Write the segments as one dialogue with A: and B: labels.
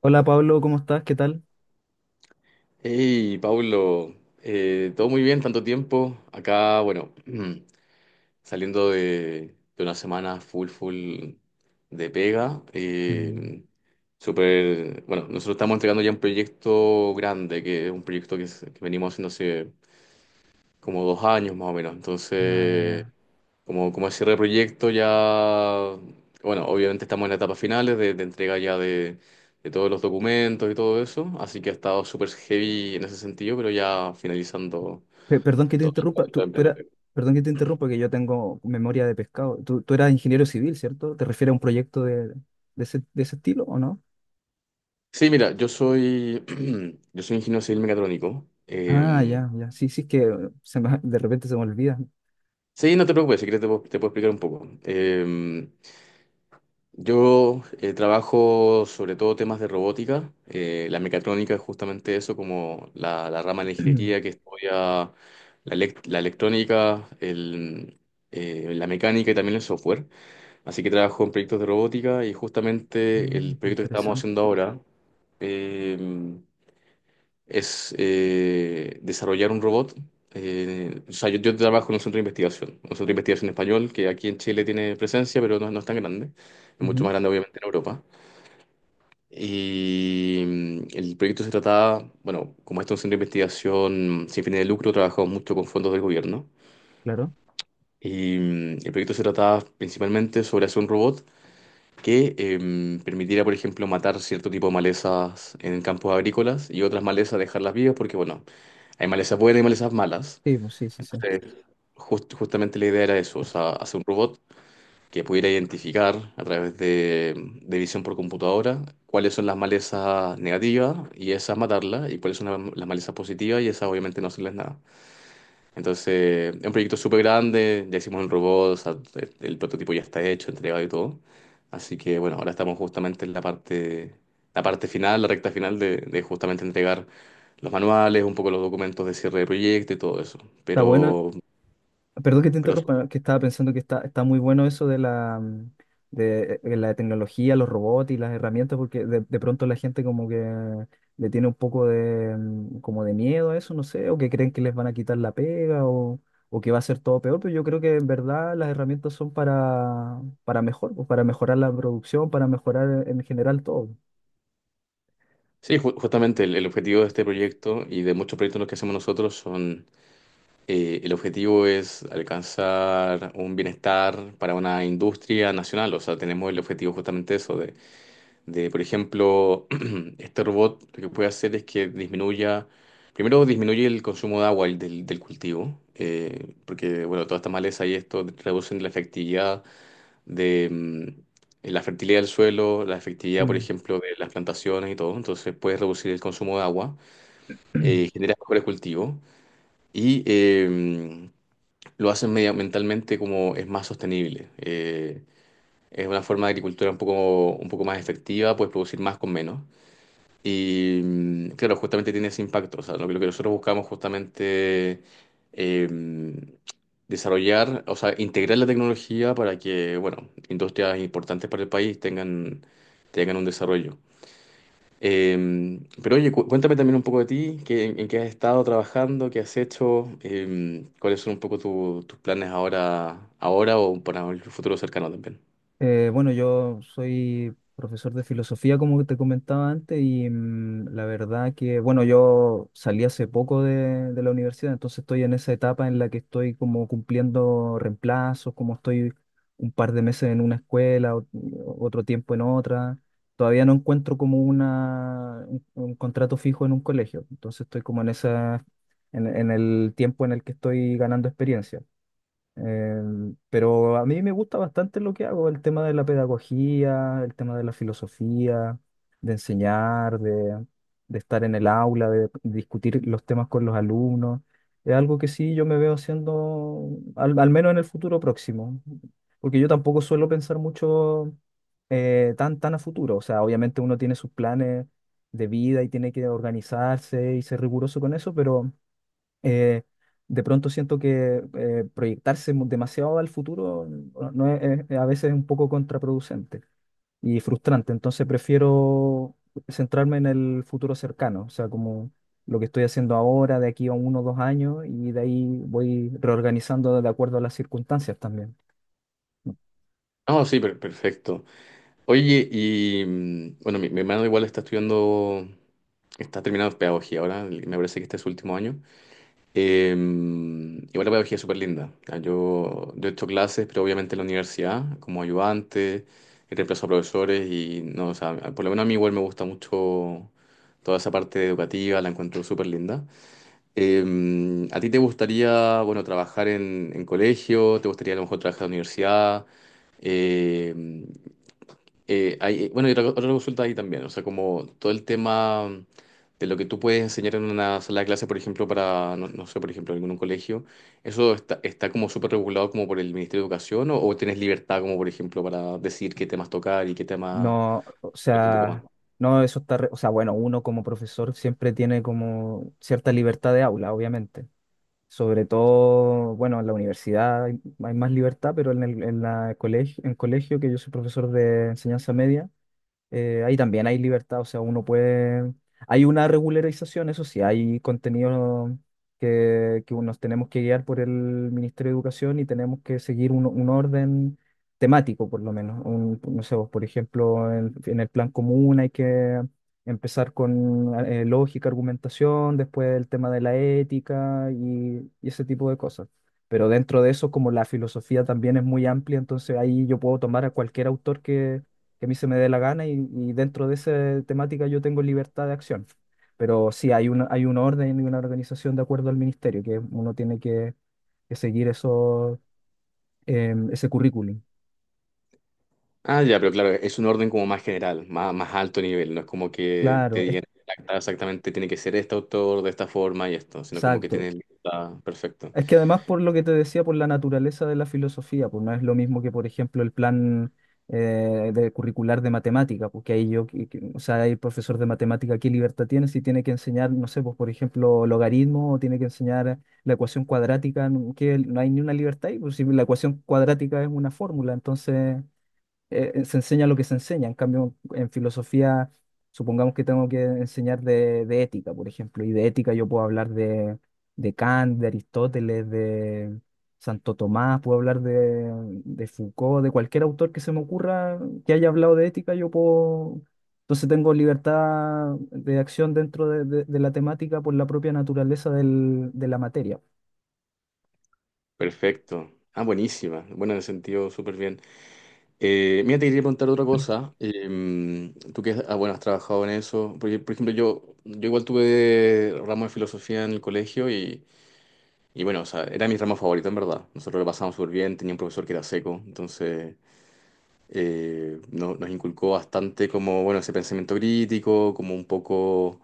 A: Hola Pablo, ¿cómo estás? ¿Qué tal?
B: Hey, Paulo, todo muy bien, tanto tiempo. Acá, bueno, saliendo de una semana full, full de pega.
A: Mm.
B: Súper, bueno, nosotros estamos entregando ya un proyecto grande, que es un proyecto que venimos haciendo hace como dos años más o menos.
A: Ah,
B: Entonces,
A: ya.
B: como cierre de proyecto ya, bueno, obviamente estamos en la etapa finales de entrega ya de todos los documentos y todo eso, así que ha estado súper heavy en ese sentido, pero ya finalizando
A: Perdón que te
B: todo
A: interrumpa,
B: el tema.
A: perdón que te interrumpa, que yo tengo memoria de pescado. Tú eras ingeniero civil, ¿cierto? ¿Te refieres a un proyecto de ese, de ese estilo o no?
B: Sí, mira, yo soy ingeniero civil mecatrónico.
A: Ah, ya, ya. Sí, sí, es que de repente se me olvida.
B: Sí, no te preocupes, si quieres te puedo explicar un poco. Yo trabajo sobre todo temas de robótica. La mecatrónica es justamente eso, como la rama de la ingeniería que estudia la electrónica, la mecánica y también el software. Así que trabajo en proyectos de robótica y justamente
A: Mm,
B: el
A: qué
B: proyecto que estamos
A: interesante.
B: haciendo ahora. Em, es Desarrollar un robot. O sea, yo trabajo en un centro de investigación, un centro de investigación español que aquí en Chile tiene presencia, pero no es tan grande, es mucho
A: Ujú,
B: más grande obviamente en Europa. Y el proyecto se trataba, bueno, como este es un centro de investigación sin fines de lucro, trabajamos mucho con fondos del gobierno.
A: claro.
B: Y el proyecto se trataba principalmente sobre hacer un robot que permitiera, por ejemplo, matar cierto tipo de malezas en campos agrícolas y otras malezas dejarlas vivas porque, bueno, hay malezas buenas y malezas malas.
A: Sí, pues sí, sí, sí.
B: Entonces, justamente la idea era eso, o sea, hacer un robot que pudiera identificar a través de visión por computadora cuáles son las malezas negativas y esas matarlas y cuáles son las malezas positivas y esas obviamente no hacerles nada. Entonces, es un proyecto súper grande, ya hicimos el robot, o sea, el prototipo ya está hecho, entregado y todo. Así que bueno, ahora estamos justamente en la parte final, la recta final de justamente entregar los manuales, un poco los documentos de cierre de proyecto y todo eso.
A: Está bueno.
B: Pero,
A: Perdón que te
B: pero
A: interrumpa, que estaba pensando que está, está muy bueno eso de de la tecnología, los robots y las herramientas, porque de pronto la gente como que le tiene un poco como de miedo a eso, no sé, o que creen que les van a quitar la pega o que va a ser todo peor, pero yo creo que en verdad las herramientas son para mejor, pues, para mejorar la producción, para mejorar en general todo.
B: sí, justamente el objetivo de este proyecto y de muchos proyectos los que hacemos nosotros son, el objetivo es alcanzar un bienestar para una industria nacional. O sea, tenemos el objetivo justamente eso, de, por ejemplo, este robot lo que puede hacer es que disminuya, primero disminuye el consumo de agua y del cultivo, porque, bueno, todas estas malezas y esto reducen la efectividad de la fertilidad del suelo, la efectividad, por
A: Mm.
B: ejemplo, de las plantaciones y todo, entonces puedes reducir el consumo de agua, genera mejores cultivos y lo hacen medioambientalmente como es más sostenible. Es una forma de agricultura un poco más efectiva, puedes producir más con menos. Y claro, justamente tiene ese impacto. O sea, lo que nosotros buscamos justamente eh, desarrollar, o sea, integrar la tecnología para que, bueno, industrias importantes para el país tengan un desarrollo. Pero oye, cuéntame también un poco de ti, en qué has estado trabajando, qué has hecho, cuáles son un poco tus planes ahora, ahora o para el futuro cercano también.
A: Bueno, yo soy profesor de filosofía, como te comentaba antes, y la verdad que, bueno, yo salí hace poco de la universidad, entonces estoy en esa etapa en la que estoy como cumpliendo reemplazos, como estoy un par de meses en una escuela, otro tiempo en otra. Todavía no encuentro como un contrato fijo en un colegio, entonces estoy como en esa, en el tiempo en el que estoy ganando experiencia. Pero a mí me gusta bastante lo que hago, el tema de la pedagogía, el tema de la filosofía, de enseñar, de estar en el aula, de discutir los temas con los alumnos. Es algo que sí yo me veo haciendo, al menos en el futuro próximo, porque yo tampoco suelo pensar mucho tan a futuro. O sea, obviamente uno tiene sus planes de vida y tiene que organizarse y ser riguroso con eso, pero eh, de pronto siento que proyectarse demasiado al futuro no a veces es un poco contraproducente y frustrante. Entonces prefiero centrarme en el futuro cercano, o sea, como lo que estoy haciendo ahora, de aquí a uno o dos años, y de ahí voy reorganizando de acuerdo a las circunstancias también.
B: No, sí, perfecto. Oye, y bueno, mi hermano igual está estudiando, está terminando pedagogía ahora, y me parece que este es su último año. Em, igual la pedagogía es súper linda. Ah, yo he hecho clases, pero obviamente en la universidad, como ayudante, he reemplazado a profesores y no, o sea, por lo menos a mí igual me gusta mucho toda esa parte educativa, la encuentro súper linda. Em, ¿a ti te gustaría, bueno, trabajar en colegio? ¿Te gustaría a lo mejor trabajar en la universidad? Eh, bueno, y otra, otra consulta ahí también, o sea, como todo el tema de lo que tú puedes enseñar en una sala de clase, por ejemplo, para, no, no sé, por ejemplo, algún colegio, ¿eso está, está como súper regulado como por el Ministerio de Educación o tienes libertad como, por ejemplo, para decir qué temas tocar y qué temas
A: No, o
B: un poco más?
A: sea, no, eso está, o sea, bueno, uno como profesor siempre tiene como cierta libertad de aula, obviamente. Sobre todo, bueno, en la universidad hay, hay más libertad, pero en el, en la colegio, en colegio, que yo soy profesor de enseñanza media, ahí también hay libertad, o sea, uno puede... Hay una regularización, eso sí, hay contenido que nos tenemos que guiar por el Ministerio de Educación y tenemos que seguir un orden temático, por lo menos. No sé, vos, por ejemplo, en el plan común hay que empezar con lógica, argumentación, después el tema de la ética y ese tipo de cosas. Pero dentro de eso, como la filosofía también es muy amplia, entonces ahí yo puedo tomar a cualquier autor que a mí se me dé la gana y dentro de esa temática yo tengo libertad de acción. Pero sí, hay una, hay un orden y una organización de acuerdo al ministerio, que uno tiene que seguir eso, ese currículum.
B: Ah, ya, pero claro, es un orden como más general, más, más alto nivel, no es como que te
A: Claro,
B: digan: "Ah, exactamente tiene que ser este autor de esta forma y esto", sino como que
A: exacto.
B: tienes libertad, perfecto,
A: Es que además por lo que te decía, por la naturaleza de la filosofía, pues no es lo mismo que, por ejemplo, el plan de curricular de matemática, porque ahí yo, o sea, el profesor de matemática, ¿qué libertad tiene si tiene que enseñar, no sé, pues por ejemplo, logaritmo o tiene que enseñar la ecuación cuadrática? Que no hay ni una libertad ahí, pues si la ecuación cuadrática es una fórmula, entonces se enseña lo que se enseña. En cambio, en filosofía, supongamos que tengo que enseñar de ética, por ejemplo, y de ética yo puedo hablar de Kant, de Aristóteles, de Santo Tomás, puedo hablar de Foucault, de cualquier autor que se me ocurra que haya hablado de ética, yo puedo... Entonces tengo libertad de acción dentro de, de la temática por la propia naturaleza de la materia.
B: perfecto. Ah, buenísima. Bueno, en ese sentido, súper bien. Mira, te quería preguntar otra cosa. Em, tú que ah, bueno, has trabajado en eso. Porque, por ejemplo, yo igual tuve ramo de filosofía en el colegio y bueno, o sea, era mi ramo favorito en verdad. Nosotros lo pasamos súper bien, tenía un profesor que era seco, entonces nos inculcó bastante como, bueno, ese pensamiento crítico, como un poco...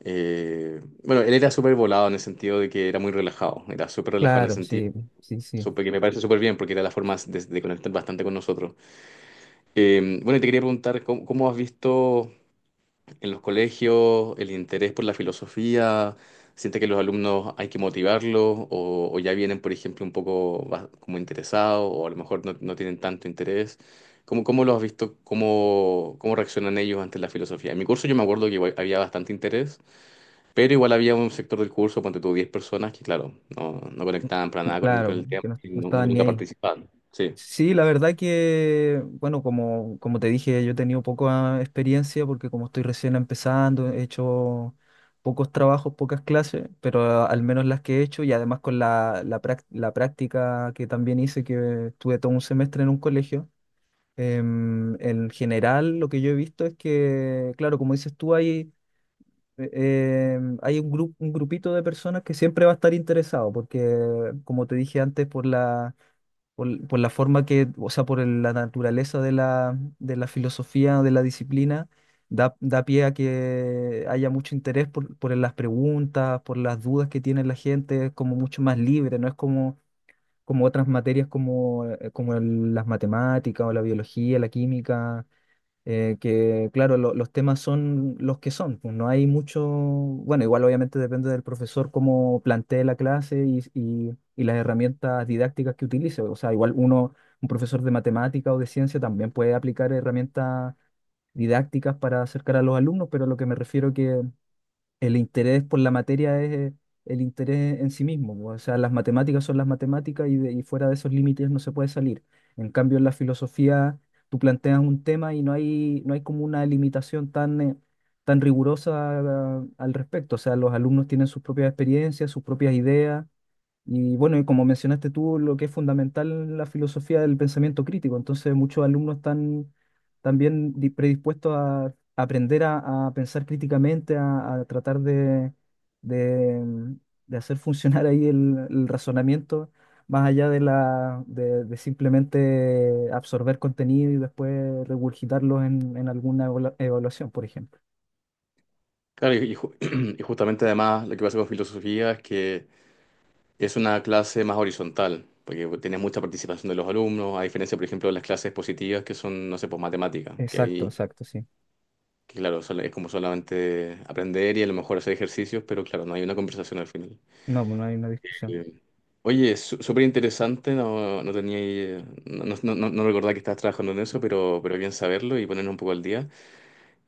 B: bueno, él era súper volado en el sentido de que era muy relajado, era súper relajado en el
A: Claro,
B: sentido,
A: sí, sí, sí,
B: que me parece súper bien porque era la forma de conectar bastante con nosotros. Bueno, y te quería preguntar, ¿cómo has visto en los colegios el interés por la filosofía? ¿Sientes que los alumnos hay que motivarlos o ya vienen, por ejemplo, un poco como interesados o a lo mejor no, no tienen tanto interés? ¿Cómo lo has visto? ¿Cómo reaccionan ellos ante la filosofía? En mi curso yo me acuerdo que igual había bastante interés, pero igual había un sector del curso, ponte tú 10 personas que, claro, no, no conectaban para nada con, el con
A: claro,
B: el tema
A: que no,
B: y
A: no estaban ni
B: nunca
A: ahí.
B: participaban. Sí.
A: Sí, la verdad que, bueno, como, como te dije, yo he tenido poca experiencia porque como estoy recién empezando, he hecho pocos trabajos, pocas clases, pero al menos las que he hecho y además con la, la práctica que también hice, que estuve todo un semestre en un colegio. En general, lo que yo he visto es que, claro, como dices tú, eh, hay un grupo, un grupito de personas que siempre va a estar interesado porque, como te dije antes, por la forma que, o sea, la naturaleza de la filosofía, de la disciplina, da, da pie a que haya mucho interés por las preguntas, por las dudas que tiene la gente, es como mucho más libre, no es como, como otras materias como, como las matemáticas o la biología, la química que claro, los temas son los que son, pues no hay mucho, bueno, igual obviamente depende del profesor cómo plantee la clase y, y las herramientas didácticas que utilice, o sea, igual uno, un profesor de matemática o de ciencia también puede aplicar herramientas didácticas para acercar a los alumnos, pero lo que me refiero que el interés por la materia es el interés en sí mismo, po. O sea, las matemáticas son las matemáticas y, y fuera de esos límites no se puede salir. En cambio, en la filosofía tú planteas un tema y no hay, no hay como una limitación tan, tan rigurosa ah, al respecto. O sea, los alumnos tienen sus propias experiencias, sus propias ideas y bueno, y como mencionaste tú, lo que es fundamental la filosofía del pensamiento crítico. Entonces, muchos alumnos están también predispuestos a aprender a pensar críticamente, a tratar de, de- mm, de hacer funcionar ahí el razonamiento, más allá de la, de simplemente absorber contenido y después regurgitarlo en alguna evaluación, por ejemplo.
B: Claro, y y justamente además lo que pasa con filosofía es que es una clase más horizontal, porque tiene mucha participación de los alumnos, a diferencia, por ejemplo, de las clases positivas que son, no sé, pues matemáticas, que
A: Exacto,
B: ahí,
A: exacto, sí.
B: que claro, es como solamente aprender y a lo mejor hacer ejercicios, pero claro, no hay una conversación al final.
A: No, pues no hay una discusión.
B: Eh, Oye, súper interesante, no, no recordaba que estabas trabajando en eso, pero bien saberlo y ponernos un poco al día.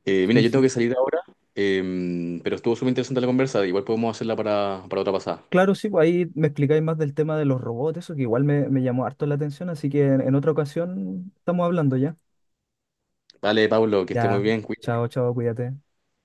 B: Mira,
A: Sí,
B: yo tengo que
A: sí.
B: salir ahora, em, pero estuvo súper interesante la conversa. Igual podemos hacerla para otra pasada.
A: Claro, sí, pues ahí me explicáis más del tema de los robots, eso que igual me, me llamó harto la atención, así que en otra ocasión estamos hablando ya.
B: Vale, Pablo, que esté muy
A: Ya,
B: bien. Cuídate.
A: chao, chao, cuídate.